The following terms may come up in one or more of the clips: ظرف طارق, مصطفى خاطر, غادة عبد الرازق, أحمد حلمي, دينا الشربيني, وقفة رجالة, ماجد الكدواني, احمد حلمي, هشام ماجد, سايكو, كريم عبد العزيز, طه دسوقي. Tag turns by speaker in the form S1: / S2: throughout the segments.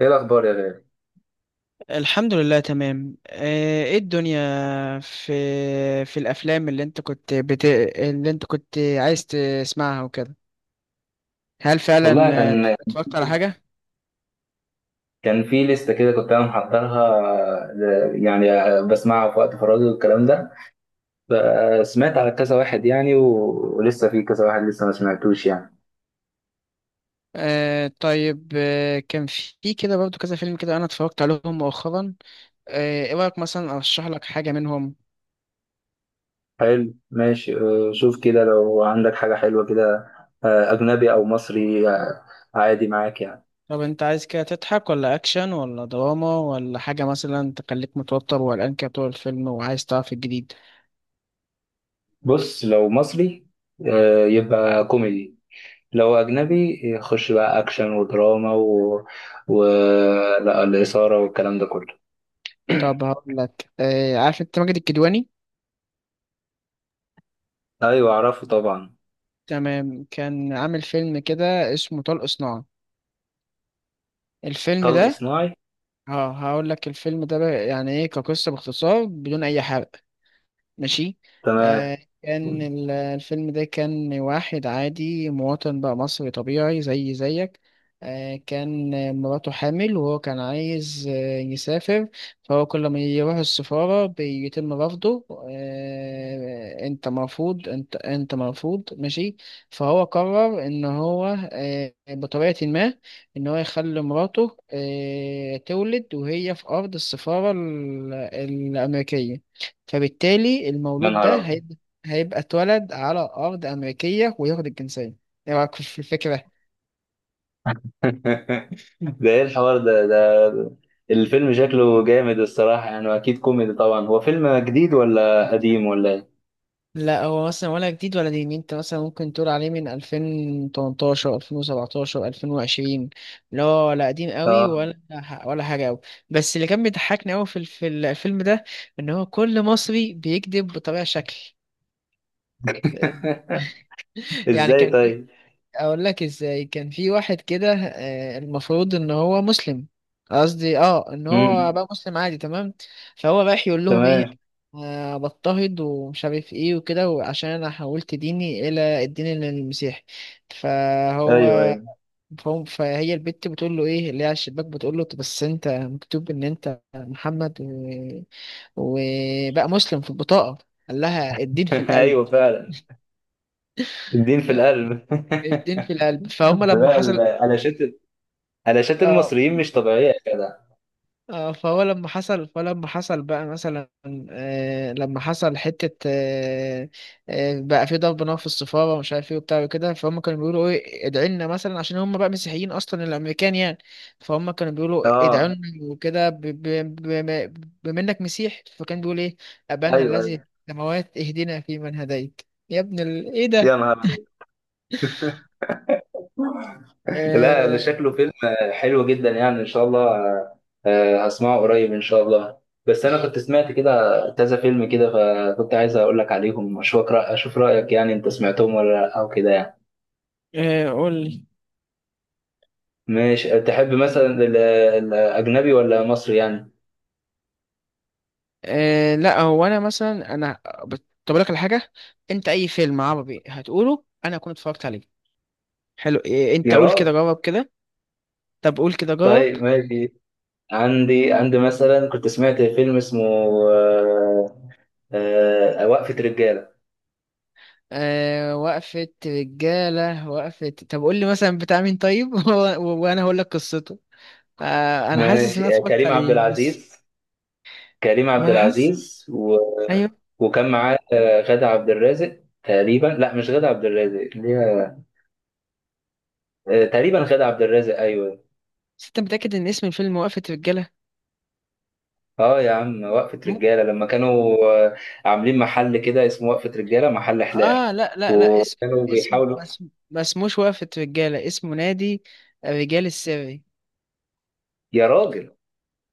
S1: ايه الاخبار يا غالي؟
S2: الحمد لله تمام ايه الدنيا. في في الافلام اللي انت كنت اللي انت كنت عايز تسمعها وكده. هل فعلا
S1: والله كان
S2: اتفرجت على حاجة؟
S1: كان في لسته كده كنت انا محضرها، يعني بسمعها في وقت فراغي والكلام ده. فسمعت على كذا واحد يعني و- ولسه في كذا واحد لسه ما سمعتوش يعني.
S2: طيب كان في كده برضو كذا فيلم كده انا اتفرجت عليهم مؤخرا. ايه رأيك مثلا ارشح لك حاجة منهم؟
S1: حلو، ماشي. شوف كده لو عندك حاجه حلوه كده، اجنبي او مصري، عادي معاك يعني.
S2: طب انت عايز كده تضحك ولا اكشن ولا دراما ولا حاجة مثلا تخليك متوتر وقلقان كده طول الفيلم وعايز تعرف الجديد؟
S1: بص، لو مصري يبقى كوميدي. لو اجنبي يخش بقى اكشن ودراما و... لا، الإثارة والكلام ده كله.
S2: طب هقول لك، عارف انت ماجد الكدواني؟
S1: ايوه اعرفه طبعا.
S2: تمام، كان عامل فيلم كده اسمه طلق صناعة. الفيلم
S1: طلق
S2: ده
S1: صناعي.
S2: اه هقول لك الفيلم ده بقى يعني ايه كقصة باختصار بدون اي حرق. ماشي.
S1: تمام.
S2: كان الفيلم ده كان واحد عادي مواطن بقى مصري طبيعي زي زيك. كان مراته حامل وهو كان عايز يسافر. فهو كل ما يروح السفارة بيتم رفضه، انت مرفوض انت مرفوض، ماشي. فهو قرر ان هو بطريقة ما، ان هو يخلي مراته تولد وهي في ارض السفارة الامريكية. فبالتالي
S1: يا
S2: المولود
S1: نهار
S2: ده
S1: ابيض!
S2: هيبقى، هيبقى اتولد على أرض أمريكية وياخد الجنسية. إيه رأيك في الفكرة؟
S1: ده ايه الحوار ده ده؟ الفيلم شكله جامد الصراحة يعني، واكيد كوميدي طبعا. هو فيلم جديد ولا قديم ولا ايه؟
S2: لا هو مثلا ولا جديد ولا دين، انت مثلا ممكن تقول عليه من 2018 2017 2020، لا ولا قديم قوي
S1: اه.
S2: ولا حاجه قوي. بس اللي كان بيضحكني قوي في في الفيلم ده ان هو كل مصري بيكذب بطبيعه شكل. يعني
S1: ازاي
S2: كان في،
S1: طيب؟
S2: اقول لك ازاي. كان في واحد كده المفروض ان هو مسلم. قصدي اه ان هو
S1: امم.
S2: بقى مسلم عادي تمام. فهو رايح يقول لهم ايه،
S1: تمام.
S2: بضطهد ومش عارف ايه وكده، وعشان انا حولت ديني الى الدين المسيحي. فهو،
S1: ايوه، ايوه.
S2: فهم، فهي البت بتقول له ايه اللي هي على الشباك، بتقول له: "طب بس انت مكتوب ان انت محمد وبقى مسلم في البطاقة". قال لها: الدين في القلب.
S1: ايوه فعلا، الدين في القلب.
S2: الدين في القلب. فهم لما
S1: لا،
S2: حصل
S1: علاشات، علاشات
S2: اه،
S1: المصريين مش طبيعية يا جدع.
S2: فهو لما حصل، فلما حصل بقى مثلا، لما حصل حتة بقى في ضرب نار في السفارة ومش عارف ايه وبتاع وكده، فهم كانوا بيقولوا ايه، ادعي لنا مثلا، عشان هم بقى مسيحيين اصلا الامريكان يعني. فهم كانوا بيقولوا
S1: اه.
S2: ادعوا لنا وكده، بما، بما انك مسيح فكان بيقول ايه: ابانا
S1: ايوه
S2: الذي
S1: ايوه.
S2: في السماوات اهدنا فيمن هديت يا ابن ايه
S1: يا
S2: ده؟
S1: نهار! لا، ده
S2: آه،
S1: شكله فيلم حلو جدا يعني، ان شاء الله. هسمعه قريب ان شاء الله. بس انا كنت سمعت كده كذا فيلم كده، فكنت عايز اقول لك عليهم اشوف اشوف رايك يعني، انت سمعتهم ولا لا او كده يعني.
S2: قول لي.
S1: ماشي. تحب مثلا الاجنبي ولا مصري يعني؟
S2: أه لا هو انا مثلا انا طب أقول لك على حاجه، انت اي فيلم عربي هتقوله انا اكون اتفرجت عليه. حلو، إيه؟ انت
S1: يا
S2: قول كده،
S1: راجل!
S2: جرب كده. طب قول كده جرب.
S1: طيب ماشي. عندي مثلا كنت سمعت فيلم اسمه آه، وقفة رجالة.
S2: أه وقفة رجالة، وقفة، طب قول لي مثلا بتاع مين طيب وانا هقول لك قصته. أه انا حاسس ان انا
S1: ماشي.
S2: اتفرجت
S1: كريم عبد
S2: عليه بس.
S1: العزيز. كريم عبد
S2: ما انا حاسس.
S1: العزيز
S2: ايوه.
S1: وكان معاه غادة عبد الرازق تقريبا. لا، مش غادة عبد الرازق، اللي هي تقريبا غادة عبد الرازق، ايوه.
S2: بس انت متأكد ان اسم الفيلم وقفة رجالة؟
S1: اه يا عم، وقفة
S2: م...
S1: رجالة، لما كانوا آه، عاملين محل كده اسمه وقفة رجالة، محل حلاقة،
S2: اه لا لا لا، اسم،
S1: وكانوا
S2: اسم،
S1: بيحاولوا.
S2: ما اسموش وقفة رجالة، اسمه نادي الرجال السري.
S1: يا راجل!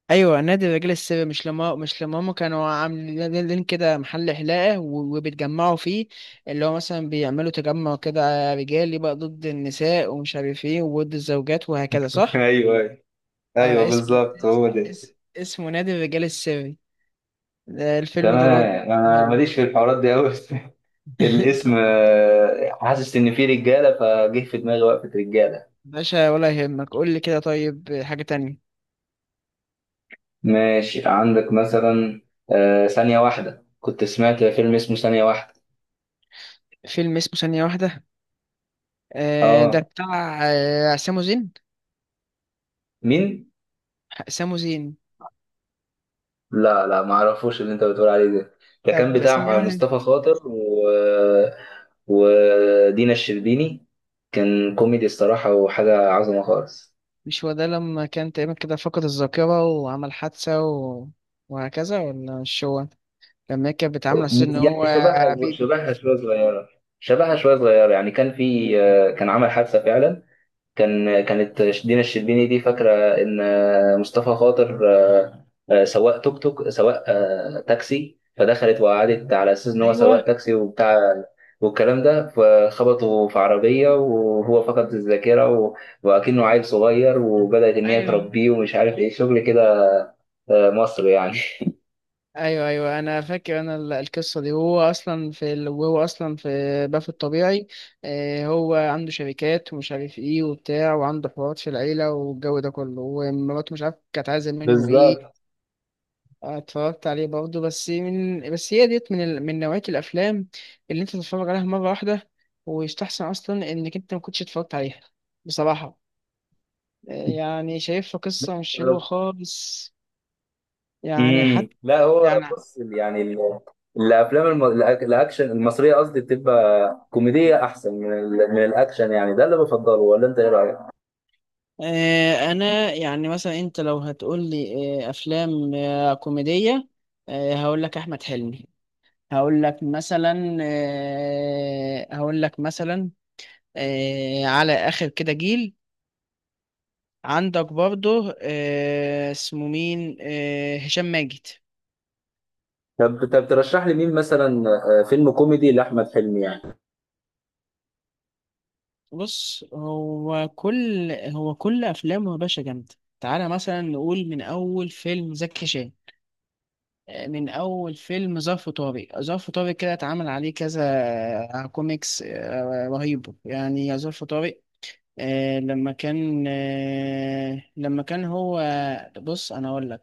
S2: ايوه نادي الرجال السري. مش لما، مش لما هم كانوا عاملين لين كده محل حلاقه وبيتجمعوا فيه، اللي هو مثلا بيعملوا تجمع كده رجالي بقى ضد النساء ومش عارف ايه وضد الزوجات وهكذا، صح؟
S1: ايوه ايوه،
S2: اسمه
S1: بالظبط
S2: اس
S1: هو ده.
S2: اس اسمه نادي الرجال السري، ده الفيلم ده برضه.
S1: تمام، انا
S2: حلو.
S1: ماليش في الحوارات دي قوي. الاسم
S2: طب
S1: حاسس ان فيه رجاله فجه في دماغي، وقفه رجاله.
S2: باشا ولا يهمك، قول لي كده طيب حاجة تانية.
S1: ماشي. عندك مثلا آه ثانية واحدة؟ كنت سمعت فيلم اسمه ثانية واحدة.
S2: فيلم اسمه ثانية واحدة؟ ده
S1: اه.
S2: بتاع سامو زين.
S1: مين؟
S2: سامو زين.
S1: لا لا، ما اعرفوش اللي انت بتقول عليه ده. ده كان
S2: طب ثانية
S1: بتاع
S2: واحدة،
S1: مصطفى خاطر ودينا الشربيني. كان كوميدي الصراحة وحاجة عظمة خالص.
S2: مش هو ده لما كان تقريبا كده فقد الذاكرة وعمل حادثة وهكذا، ولا مش هو؟ لما هي كانت بتعامله على أساس إن
S1: يعني
S2: هو
S1: شبهها،
S2: بيبي.
S1: شبهها شوية صغيرة يعني. كان في كان عمل حادثة فعلا. كانت دينا الشربيني دي فاكرة إن مصطفى خاطر سواق توك توك، سواق تاكسي، فدخلت وقعدت على أساس إن هو
S2: ايوه
S1: سواق تاكسي وبتاع والكلام ده. فخبطوا في عربية وهو فقد الذاكرة وأكنه عيل صغير، وبدأت إن هي
S2: ايوه.
S1: تربيه ومش عارف إيه، شغل كده مصر يعني.
S2: أيوه أيوه أنا فاكر أنا القصة دي، وهو أصلا في وهو أصلا في باف الطبيعي. هو عنده شركات ومش عارف إيه وبتاع، وعنده حوارات في العيلة والجو ده كله، ومراته مش عارف كانت عايزة منه إيه.
S1: بالظبط.
S2: أنا اتفرجت عليه برضه، بس من، بس هي ديت من من نوعية الأفلام اللي أنت تتفرج عليها مرة واحدة، ويستحسن أصلا إنك أنت ما كنتش اتفرجت عليها بصراحة. يعني شايفها قصة مش حلوة خالص يعني
S1: امم،
S2: حتى
S1: لا هو
S2: يعني.
S1: بص يعني الافلام الاكشن المصريه قصدي بتبقى كوميديه احسن من من الاكشن يعني، ده اللي بفضله، ولا انت ايه رايك؟
S2: أنا يعني مثلا أنت لو هتقول لي أفلام كوميدية، هقول لك أحمد حلمي، هقول لك مثلا على آخر كده جيل. عندك برضه اسمه مين، هشام ماجد.
S1: طب ترشح لي مين مثلا فيلم كوميدي لاحمد حلمي يعني؟
S2: بص هو كل، هو كل افلامه يا باشا جامده. تعالى مثلا نقول من اول فيلم زكي شان، من اول فيلم ظرف طارق. ظرف طارق كده اتعمل عليه كذا كوميكس رهيب يعني يا ظرف طارق. لما كان هو، بص انا اقول لك.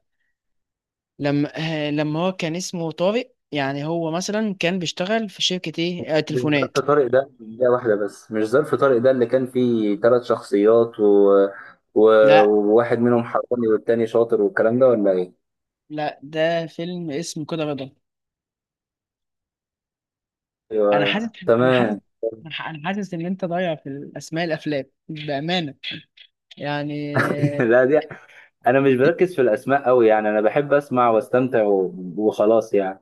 S2: لما لما هو كان اسمه طارق، يعني هو مثلا كان بيشتغل في شركة ايه،
S1: مش
S2: تليفونات.
S1: ظرف طارق ده، ده واحده بس، مش ظرف طارق ده اللي كان فيه ثلاث شخصيات و...
S2: لا
S1: وواحد منهم حراني والتاني شاطر والكلام ده، ولا ايه؟
S2: لا، ده فيلم اسمه كده رضا. انا حاسس
S1: ايوه
S2: انا حاسس
S1: تمام.
S2: انا حاسس ان انت ضايع في الاسماء الافلام بامانه يعني.
S1: لا دي، انا مش بركز في الاسماء قوي يعني، انا بحب اسمع واستمتع وخلاص يعني.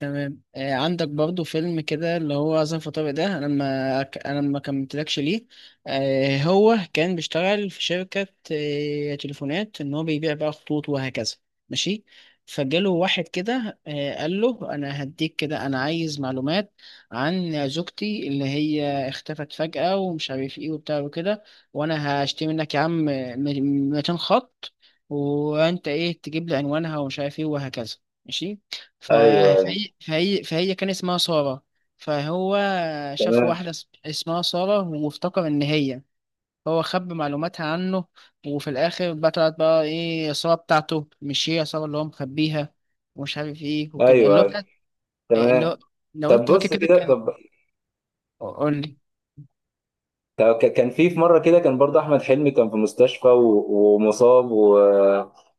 S2: تمام. عندك برضو فيلم كده اللي هو ظرف طارق ده، انا ما ك- انا ما كملتلكش ليه. هو كان بيشتغل في شركة تليفونات ان هو بيبيع بقى خطوط وهكذا، ماشي. فجاله واحد كده قال له انا هديك كده، انا عايز معلومات عن زوجتي اللي هي اختفت فجأة ومش عارف ايه وبتاع وكده، وانا هشتري منك يا عم 200 خط، وانت ايه تجيب لي عنوانها ومش عارف ايه وهكذا، ماشي. ف-
S1: ايوه ايوه.
S2: فهي كان اسمها سارة. فهو شاف
S1: تمام.
S2: واحدة اسمها سارة وافتكر إن هي، هو خبى معلوماتها عنه. وفي الآخر بقى طلعت بقى إيه، سارة بتاعته مش هي سارة اللي هو مخبيها ومش عارف إيه وكده
S1: ايوه
S2: اللي هو
S1: ايوه.
S2: بتاعت اللي هو
S1: تمام.
S2: لو
S1: طب
S2: أنت فاكر
S1: بص
S2: كده
S1: كده.
S2: كان.
S1: طب،
S2: قول لي.
S1: كان في مره كده كان برضه احمد حلمي كان في مستشفى ومصاب و...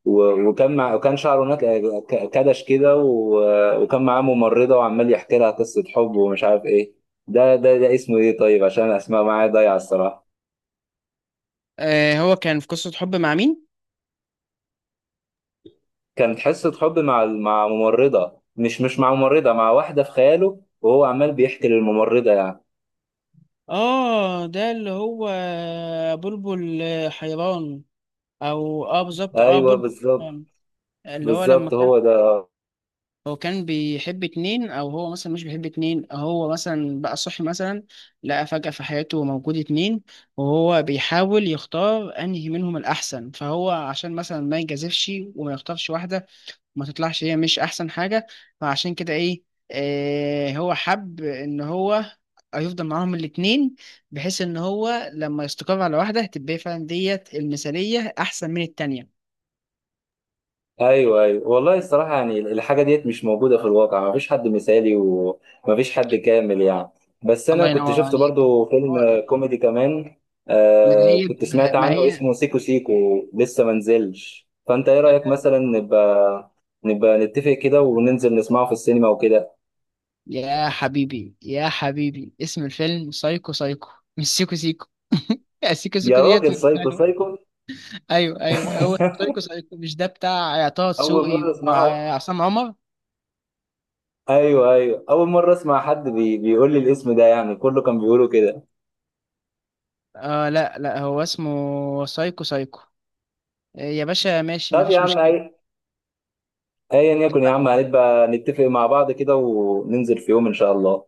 S1: و... وكان وكان شعره كدش كده وكان معاه ممرضه وعمال يحكي لها قصه حب ومش عارف ايه. ده ده اسمه ايه طيب؟ عشان الاسماء معايا ضايعه الصراحه.
S2: آه هو كان في قصة حب مع مين؟
S1: كانت حصه حب مع ممرضه، مش مع ممرضه، مع واحده في خياله، وهو عمال بيحكي للممرضه يعني.
S2: آه ده اللي هو بلبل حيران. أو آه بالظبط، آه
S1: ايوه
S2: بلبل
S1: بالظبط.
S2: حيران. اللي هو لما
S1: بالظبط
S2: كان،
S1: هو ده.
S2: هو كان بيحب اتنين، او هو مثلا مش بيحب اتنين، هو مثلا بقى صحي مثلا لقى فجأة في حياته موجود اتنين، وهو بيحاول يختار انهي منهم الاحسن. فهو عشان مثلا ما يجازفش وما يختارش واحدة وما تطلعش هي مش احسن حاجة، فعشان كده ايه، هو حب ان هو هيفضل معاهم الاتنين، بحيث ان هو لما يستقر على واحدة تبقى فعلا ديت المثالية احسن من التانية.
S1: ايوه ايوه، والله الصراحه يعني الحاجه ديت مش موجوده في الواقع، ما فيش حد مثالي وما فيش حد كامل يعني. بس انا
S2: الله
S1: كنت
S2: ينور
S1: شفت
S2: عليك.
S1: برضو
S2: هو-
S1: فيلم كوميدي كمان، آه كنت سمعت
S2: ما
S1: عنه
S2: هي
S1: اسمه سيكو سيكو. لسه ما نزلش، فانت ايه رايك
S2: آه،
S1: مثلا نبقى نتفق كده وننزل نسمعه في السينما وكده.
S2: يا حبيبي يا حبيبي اسم الفيلم سايكو سايكو مش سيكو سيكو. سيكو
S1: يا
S2: سيكو ديت
S1: راجل،
S2: مش
S1: سايكو
S2: حلوة.
S1: سايكو!
S2: ايوه ايوه، هو سايكو سايكو، مش ده بتاع طه
S1: اول
S2: دسوقي
S1: مره اسمعه.
S2: وعصام عمر؟
S1: ايوه ايوه، اول مره اسمع حد بيقول لي الاسم ده يعني، كله كان بيقوله كده.
S2: لا لا، هو اسمه سايكو سايكو. يا باشا ماشي
S1: طب يا
S2: مفيش
S1: عم،
S2: مشكلة.
S1: ايا يكن يا عم، هنبقى نتفق مع بعض كده وننزل في يوم ان شاء الله.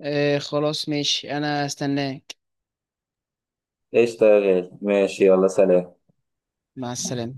S2: خلاص ماشي انا استناك.
S1: قشطة يا غالي، ماشي، يلا سلام.
S2: مع السلامة.